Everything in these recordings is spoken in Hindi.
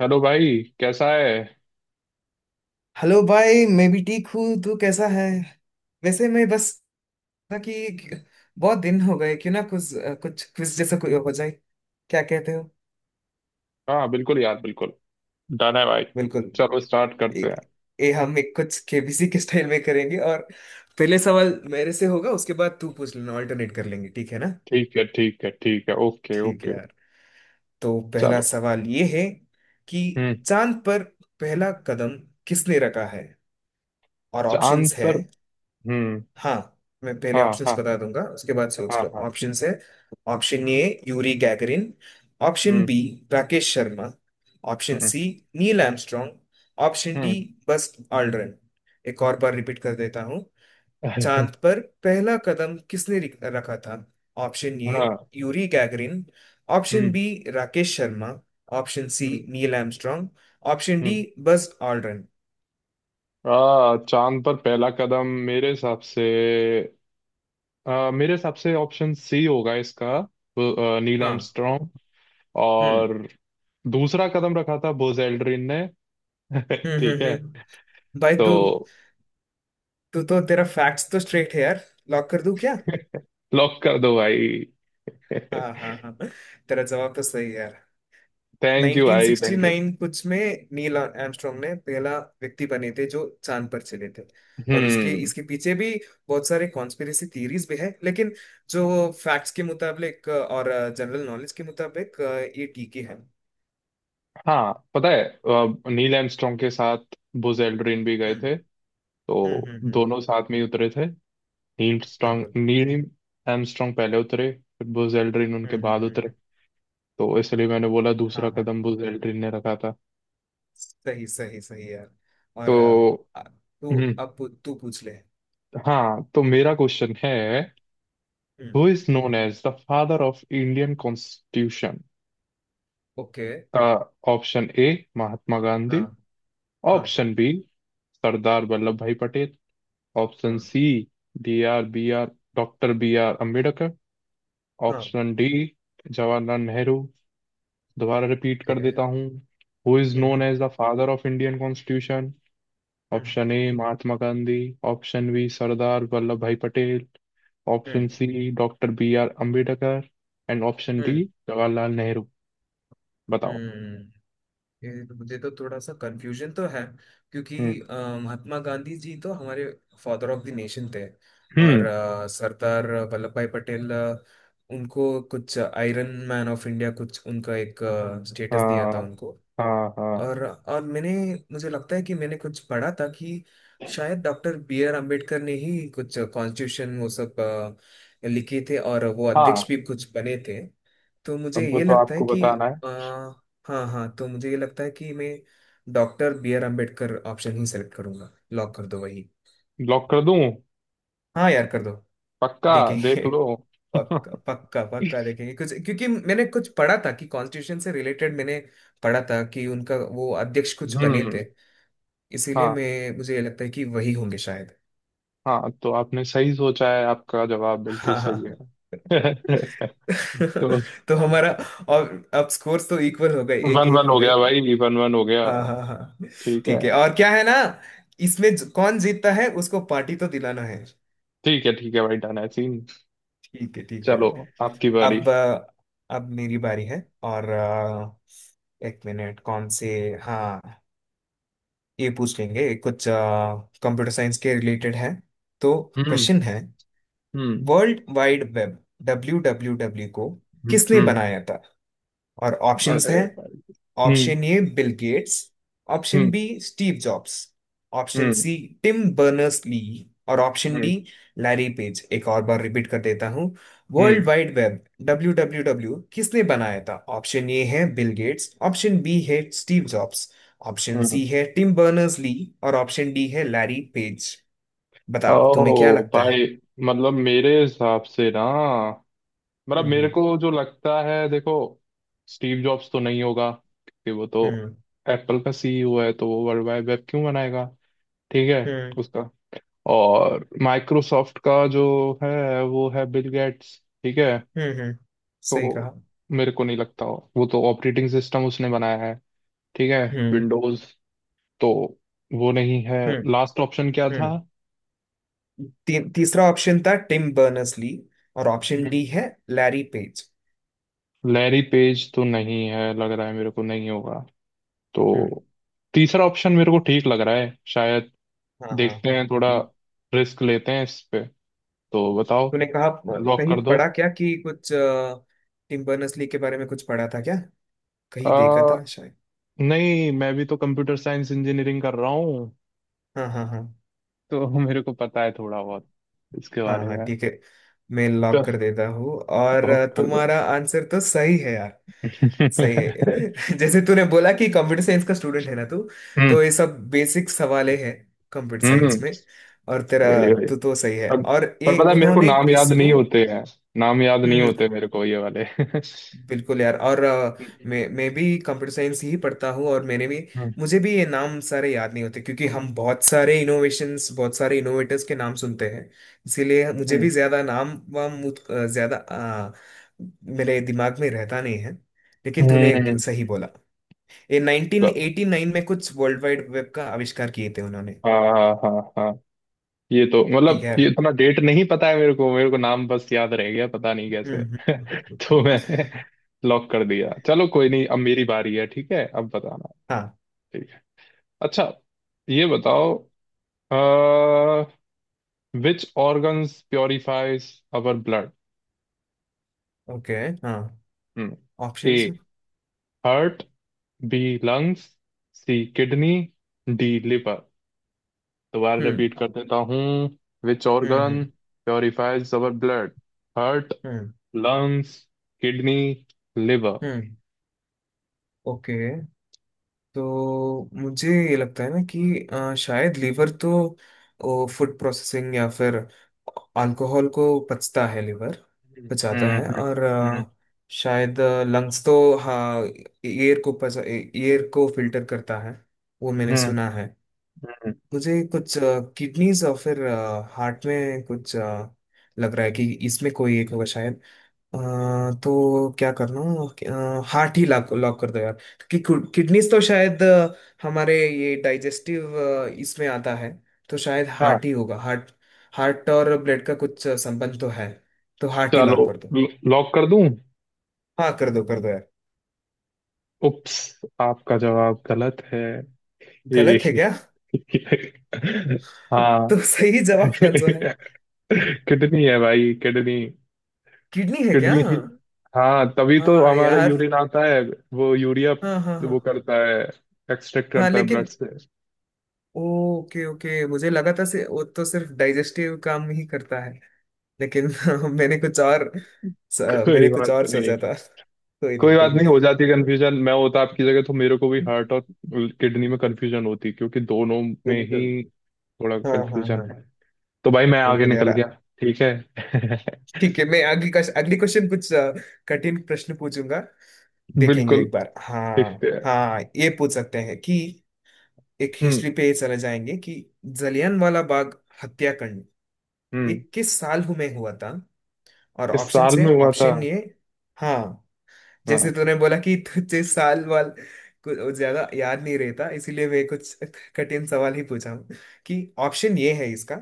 हेलो भाई कैसा है। हेलो भाई मैं भी ठीक हूँ। तू कैसा है? वैसे मैं बस था कि बहुत दिन हो गए, क्यों ना कुछ कुछ क्विज जैसा कोई हो जाए। क्या कहते हो? हाँ बिल्कुल यार बिल्कुल। डन है भाई। बिल्कुल। चलो स्टार्ट करते एक, हैं। ये हम एक कुछ केबीसी के स्टाइल में करेंगे और पहले सवाल मेरे से होगा, उसके बाद तू पूछ लेना। ऑल्टरनेट कर लेंगे, ठीक है ना। ठीक है ठीक है ठीक है ओके ठीक है ओके। यार। तो पहला चलो। सवाल ये है कि हम्म। चांद पर पहला कदम किसने रखा है, और चांद ऑप्शंस है। पर। हम्म। हाँ, मैं पहले हाँ, ऑप्शंस हाँ, बता दूंगा उसके बाद सोच हाँ, लो। हाँ। ऑप्शंस है option A Yuri Gagarin, option hmm. B Rakesh Sharma, option hmm. C Neil Armstrong, option D hmm. Buzz Aldrin. एक और बार रिपीट कर देता हूँ। चांद पर पहला कदम किसने रखा था? ऑप्शन ए हाँ। Yuri Gagarin, option hmm. B Rakesh Sharma, option C hmm. Neil Armstrong, option D hmm. Buzz Aldrin. आ चांद पर पहला कदम मेरे हिसाब से, मेरे हिसाब से ऑप्शन सी होगा इसका, नील हाँ। आर्मस्ट्रॉन्ग। हम्म। और दूसरा कदम रखा था बोज एल्ड्रिन ने। हम्म। ठीक हम्म। है। हम्म। बाय तू। तो तू तो तेरा फैक्ट्स तो स्ट्रेट है यार। लॉक कर दूं क्या? लॉक कर दो भाई। हाँ हाँ हाँ। तेरा जवाब तो सही है यार। थैंक यू भाई, थैंक यू। 1969 कुछ में नील आर्मस्ट्रॉन्ग ने पहला व्यक्ति बने थे जो चांद पर चले थे। और उसके हम्म। इसके पीछे भी बहुत सारे कॉन्स्पिरेसी थीरीज भी है, लेकिन जो फैक्ट्स के मुताबिक और जनरल नॉलेज के मुताबिक ये ठीक ही है। हाँ, पता है नील आर्मस्ट्रॉन्ग के साथ बुज एल्ड्रिन भी गए हम्म। थे। हम्म। तो हम्म। दोनों साथ में ही उतरे थे। बिल्कुल। नील आर्मस्ट्रॉन्ग पहले उतरे। फिर बुज एल्ड्रिन उनके हम्म। बाद हम्म। उतरे। तो इसलिए मैंने बोला दूसरा हाँ हाँ, कदम बुज एल्ड्रिन ने रखा था। सही सही सही यार। और तो। तू हम्म। अब तू पूछ ले। हाँ, तो मेरा क्वेश्चन है। Hmm. Who is known as the father of Indian constitution. Okay. Option A Mahatma Gandhi. हाँ हाँ option B Sardar Vallabhbhai Patel. Option हाँ C D R B R doctor B R Ambedkar. हाँ। Option D Jawaharlal Nehru. दोबारा रिपीट कर ओके। देता हूँ। Who is hmm. Known as the father of Indian constitution. Hmm. Option A Mahatma Gandhi. Option B Sardar Vallabhbhai Patel. Hmm. Option C doctor B R Ambedkar. And option D hmm. Jawaharlal Nehru. बताओ। हम्म। ये तो मुझे तो थोड़ा सा कंफ्यूजन तो है, क्योंकि हम्म। महात्मा गांधी जी तो हमारे फादर ऑफ द नेशन थे। और हम्म। सरदार वल्लभ भाई पटेल, उनको कुछ आयरन मैन ऑफ इंडिया, कुछ उनका एक स्टेटस दिया था हाँ, उनको। हाँ, हाँ, और मैंने, मुझे लगता है कि मैंने कुछ पढ़ा था कि शायद डॉक्टर बी आर अम्बेडकर ने ही कुछ कॉन्स्टिट्यूशन वो सब लिखे थे और वो अध्यक्ष हाँ। भी कुछ बने थे। तो मुझे अब वो ये तो लगता है आपको कि बताना है। अ, हाँ हाँ, तो मुझे ये लगता है कि मैं doctor B R Ambedkar option ही सेलेक्ट करूंगा। लॉक कर दो वही। लॉक कर दूं। हाँ यार कर दो। पक्का। देख देखेंगे। लो। पक्का पक्का पक्का देखेंगे कुछ, क्योंकि मैंने कुछ पढ़ा था कि कॉन्स्टिट्यूशन से रिलेटेड मैंने पढ़ा था कि उनका वो अध्यक्ष कुछ बने हम्म। थे। इसीलिए हाँ, मैं मुझे ये लगता है कि वही होंगे शायद। हाँ, तो आपने सही सोचा है, आपका जवाब बिल्कुल हाँ सही है। हाँ। तो तो हमारा, और, अब स्कोर्स तो इक्वल हो गए, एक वन एक वन हो हो गए। गया भाई, वन वन हो गया। हाँ हाँ हाँ। ठीक है, ठीक है और क्या है ना, इसमें कौन जीतता है उसको पार्टी तो दिलाना है। ठीक है ठीक है भाई, डन है सीन। ठीक है ठीक है चलो, यार। आपकी बारी। अब अब मेरी बारी है और एक मिनट, कौन से, हाँ, ये पूछ लेंगे। कुछ कंप्यूटर साइंस के रिलेटेड है, तो हम्म, क्वेश्चन है hmm, world wide web, W W W को हम्म, किसने हम्म। बनाया था? और ऑप्शंस अरे हैं भाई। Hmm, option A Bill Gates, option hmm, B Steve Jobs, option hmm, C Tim Berners Lee, और option hmm, D Larry Page. एक और बार रिपीट कर देता हूँ। Hmm, world wide web, W W W किसने बनाया था? ऑप्शन ए है बिल गेट्स, ऑप्शन बी है Steve Jobs, option hmm. C है टिम बर्नर्स ली, और ऑप्शन डी है लैरी पेज। बताओ तुम्हें क्या ओ लगता है। भाई। मतलब मेरे हिसाब से ना। मतलब मेरे हम्म। को जो लगता है, देखो, स्टीव जॉब्स तो नहीं होगा क्योंकि वो तो हम्म। एप्पल का सीईओ है, तो वो वर्ल्ड वाइड वेब क्यों बनाएगा। ठीक है। हम्म। उसका। और माइक्रोसॉफ्ट का जो है वो है बिल गेट्स। ठीक है। हम्म। हम्म, सही कहा। तो मेरे को नहीं लगता हो। वो तो ऑपरेटिंग सिस्टम उसने बनाया है। ठीक है। हम्म। विंडोज। तो वो नहीं है। हम्म। लास्ट ऑप्शन क्या था। हम्म। तीसरा ऑप्शन था टिम बर्नर्स ली, और ऑप्शन हम्म। डी है लैरी पेज। लैरी पेज तो नहीं है लग रहा है, मेरे को नहीं होगा। हम्म। तो तीसरा ऑप्शन मेरे को ठीक लग रहा है शायद। हाँ हाँ। देखते हैं थोड़ा। ये- रिस्क लेते हैं इस पे। तो बताओ। तूने कहा लॉक कहीं कर दो। पढ़ा क्या, कि कुछ टिम बर्नर्स ली के बारे में कुछ पढ़ा था क्या, आ, कहीं देखा था शायद। नहीं मैं भी तो कंप्यूटर साइंस इंजीनियरिंग कर रहा हूँ। हाँ हाँ हाँ तो मेरे को पता है थोड़ा बहुत इसके हाँ बारे हाँ में। ठीक है, मैं लॉक तो कर देता हूँ। और लॉक कर दो। तुम्हारा आंसर तो सही है यार। सही है। जैसे तूने बोला कि कंप्यूटर साइंस का स्टूडेंट है ना तू, हम्म, तो ये सब बेसिक सवाले हैं कंप्यूटर हम्म। साइंस में। और तेरा, वही वही। तू तो सही है। अब। और पर ये पता है मेरे को उन्होंने नाम याद नहीं इसको। होते हैं। नाम याद नहीं हम्म हम्म, होते मेरे को ये वाले। हम्म, बिल्कुल यार। और मैं भी कंप्यूटर साइंस ही पढ़ता हूँ, और मैंने भी, हम्म, मुझे भी ये नाम सारे याद नहीं होते, क्योंकि हम बहुत सारे इनोवेशंस बहुत सारे इनोवेटर्स के नाम सुनते हैं। इसीलिए मुझे भी ज्यादा नाम वाम, ज्यादा मेरे दिमाग में रहता नहीं है। लेकिन हम्म, तूने हम्म। सही बोला। ये तो- 1989 में कुछ वर्ल्ड वाइड वेब का आविष्कार किए थे उन्होंने। हाँ, हाँ, हाँ, हाँ। ये तो ठीक मतलब है। ये इतना डेट नहीं पता है मेरे को नाम बस याद रह गया, पता नहीं कैसे। हम्म। हम्म। हम्म। तो हम्म। मैंने लॉक कर दिया। चलो, कोई नहीं। अब मेरी बारी है, ठीक है, अब बताना। हाँ। ठीक है। अच्छा, ये बताओ, which organs purifies our blood. Okay. हाँ। A options. Heart. B lungs. C kidney. D liver. दोबारा हम्म। रिपीट कर देता हूँ। Which hmm. Organ hmm. Purifies our blood. Heart. Hmm. Lungs. Kidney. Liver. Hmm, okay. तो मुझे ये लगता है ना, कि शायद लीवर तो फूड प्रोसेसिंग या फिर अल्कोहल को पचता है लीवर, हम्म, पचाता है। हम्म, और हम्म, शायद लंग्स तो, हाँ, एयर को पचा एयर को फिल्टर करता है, वो मैंने हम्म, सुना है। हम्म। मुझे कुछ किडनीज और फिर हार्ट में कुछ लग रहा है कि इसमें कोई एक होगा शायद। अ, तो क्या करना, हार्ट ही लॉक लॉक कर दो यार। कि किडनीज तो शायद हमारे ये डाइजेस्टिव इसमें आता है। तो शायद हाँ, हार्ट ही होगा, हार्ट। हार्ट और ब्लड का कुछ संबंध तो है, तो हार्ट ही चलो, लॉक कर दो। लॉक कर दूं। हाँ कर दो यार। उप्स। आपका जवाब गलत है। गलत है क्या? ये- हाँ, तो सही जवाब कौन सा है? किडनी है भाई, किडनी। किडनी है क्या? किडनी ही। हाँ, तभी तो हाँ हमारा यार। यूरिन आता है। वो यूरिया। हाँ हाँ हाँ वो करता है। एक्सट्रैक्ट हाँ, करता है ब्लड लेकिन, से। ओके ओके, मुझे लगा था से वो तो सिर्फ डाइजेस्टिव काम ही करता है, लेकिन मैंने कुछ और स- कोई मैंने कुछ बात और नहीं। सोचा था। कोई नहीं कोई कोई बात नहीं, नहीं। हो जाती है कंफ्यूजन। मैं होता आपकी जगह तो मेरे को भी हार्ट और किडनी में कंफ्यूजन होती, क्योंकि दोनों में ही बिल्कुल। थोड़ा हाँ हाँ कंफ्यूजन हाँ। है। तो भाई मैं आगे बिल्कुल यार। निकल गया। ठीक है। ठीक है, मैं अगली क्वेश्चन कुछ कठिन प्रश्न पूछूंगा। देखेंगे बिल्कुल। एक बार। हाँ देखते हैं। हाँ, ये पूछ सकते हैं कि एक हम्म, हिस्ट्री पे चले जाएंगे, कि जलियन वाला बाग हत्याकांड, ये हम्म। किस साल में हुआ था? और इस ऑप्शन साल है में हुआ था। ऑप्शन ये। हाँ, जैसे हाँ। तूने बोला कि तुझे साल वाल कुछ ज्यादा याद नहीं रहता, इसीलिए मैं कुछ कठिन सवाल ही पूछा हूँ कि ऑप्शन ये है इसका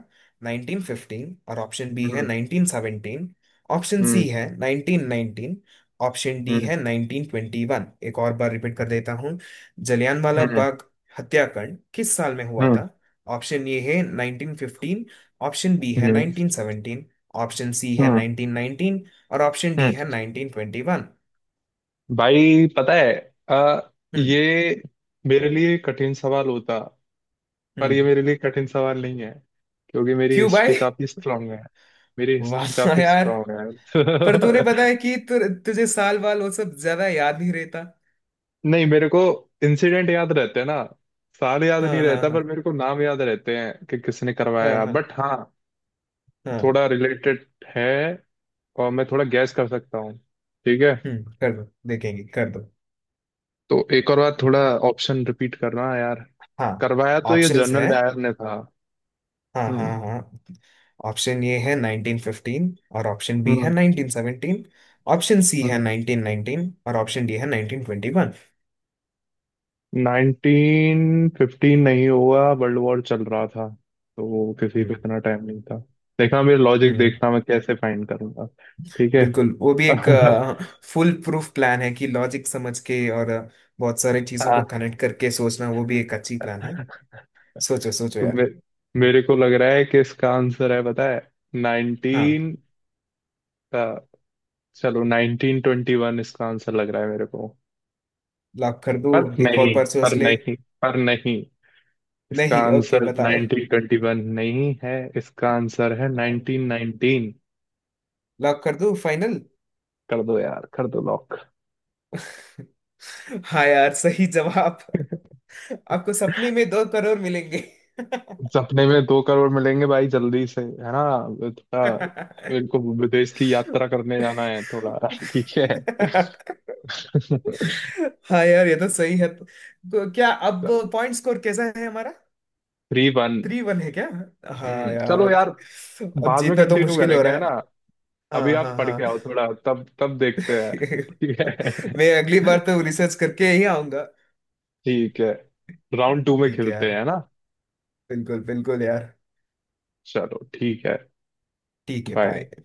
1915 और ऑप्शन बी है हम्म। 1917, ऑप्शन सी हम्म। है 1919, ऑप्शन डी हम्म। है 1921। एक और बार रिपीट कर देता हूँ। जलियांवाला हम्म। बाग हत्याकांड किस साल में हुआ हम्म। था? ऑप्शन ए है 1915, ऑप्शन बी है हम्म। 1917, ऑप्शन सी है हम्म। 1919, और ऑप्शन डी हम्म। है 1921। भाई, पता है, ये मेरे लिए कठिन सवाल होता, पर ये हम्म। मेरे लिए कठिन सवाल नहीं है, क्योंकि मेरी क्यों हिस्ट्री भाई? काफी स्ट्रांग है। मेरी हिस्ट्री वाह काफी यार। स्ट्रांग पर तूने है। पता है कि तुझे साल वाल वो सब ज्यादा याद नहीं रहता। नहीं, मेरे को इंसिडेंट याद रहते हैं ना। साल याद नहीं हाँ हाँ रहता, हाँ पर मेरे को नाम याद रहते हैं कि किसने हाँ करवाया, हाँ बट हाँ, हाँ। थोड़ा रिलेटेड है। और मैं थोड़ा गैस कर सकता हूँ। ठीक है। हम्म, कर दो, देखेंगे, कर दो। तो एक और बार थोड़ा ऑप्शन रिपीट करना यार। हाँ करवाया तो ये ऑप्शंस है। जनरल डायर ने था। हाँ हाँ हम्म, हाँ। ऑप्शन ए है 1915 और ऑप्शन बी है हम्म, 1917, ऑप्शन सी है हम्म। 1919 और ऑप्शन डी है 1921। 1915 नहीं हुआ, वर्ल्ड वॉर चल रहा था, तो किसी पे हम्म। इतना टाइम नहीं था। देखना मेरे हम्म। लॉजिक, हम्म। देखना मैं कैसे फाइंड करूंगा। ठीक है। बिल्कुल, वो भी एक फुल प्रूफ प्लान है कि लॉजिक समझ के और बहुत सारे चीजों को हाँ, कनेक्ट करके सोचना, वो भी एक अच्छी प्लान है। सोचो सोचो तो यार। मेरे को लग रहा है कि इसका आंसर है, पता है, 19 हाँ। का। चलो, 1921 इसका आंसर लग रहा है मेरे को। लॉक कर दूं? पर एक नहीं, और बार पर सोच ले। नहीं, पर नहीं, इसका नहीं, ओके आंसर बताओ। 1921 नहीं है, इसका आंसर है 1919। लॉक कर दूं फाइनल? कर दो यार, कर दो लॉक। हाँ यार सही जवाब। आपको सपने में 2 करोड़ मिलेंगे। सपने में 2 करोड़ मिलेंगे भाई जल्दी से, है ना। थोड़ा। मेरे को विदेश की यात्रा करने जाना है थोड़ा। ठीक है। हाँ यार ये तो सही है। तो क्या अब पॉइंट स्कोर कैसा है हमारा? Three one. 3-1 है क्या? हाँ हम्म, चलो यार। यार। अब बाद में जीतना तो कंटिन्यू मुश्किल हो करेंगे, रहा है ना। है। अभी हाँ हाँ आप पढ़ के हाँ। आओ थोड़ा, तब तब देखते हैं। ठीक है। मैं अगली बार तो रिसर्च करके ही आऊंगा। ठीक है। राउंड टू में ठीक है खेलते यार। हैं, है ना। बिल्कुल बिल्कुल यार। चलो ठीक है। ठीक है। बाय। बाय।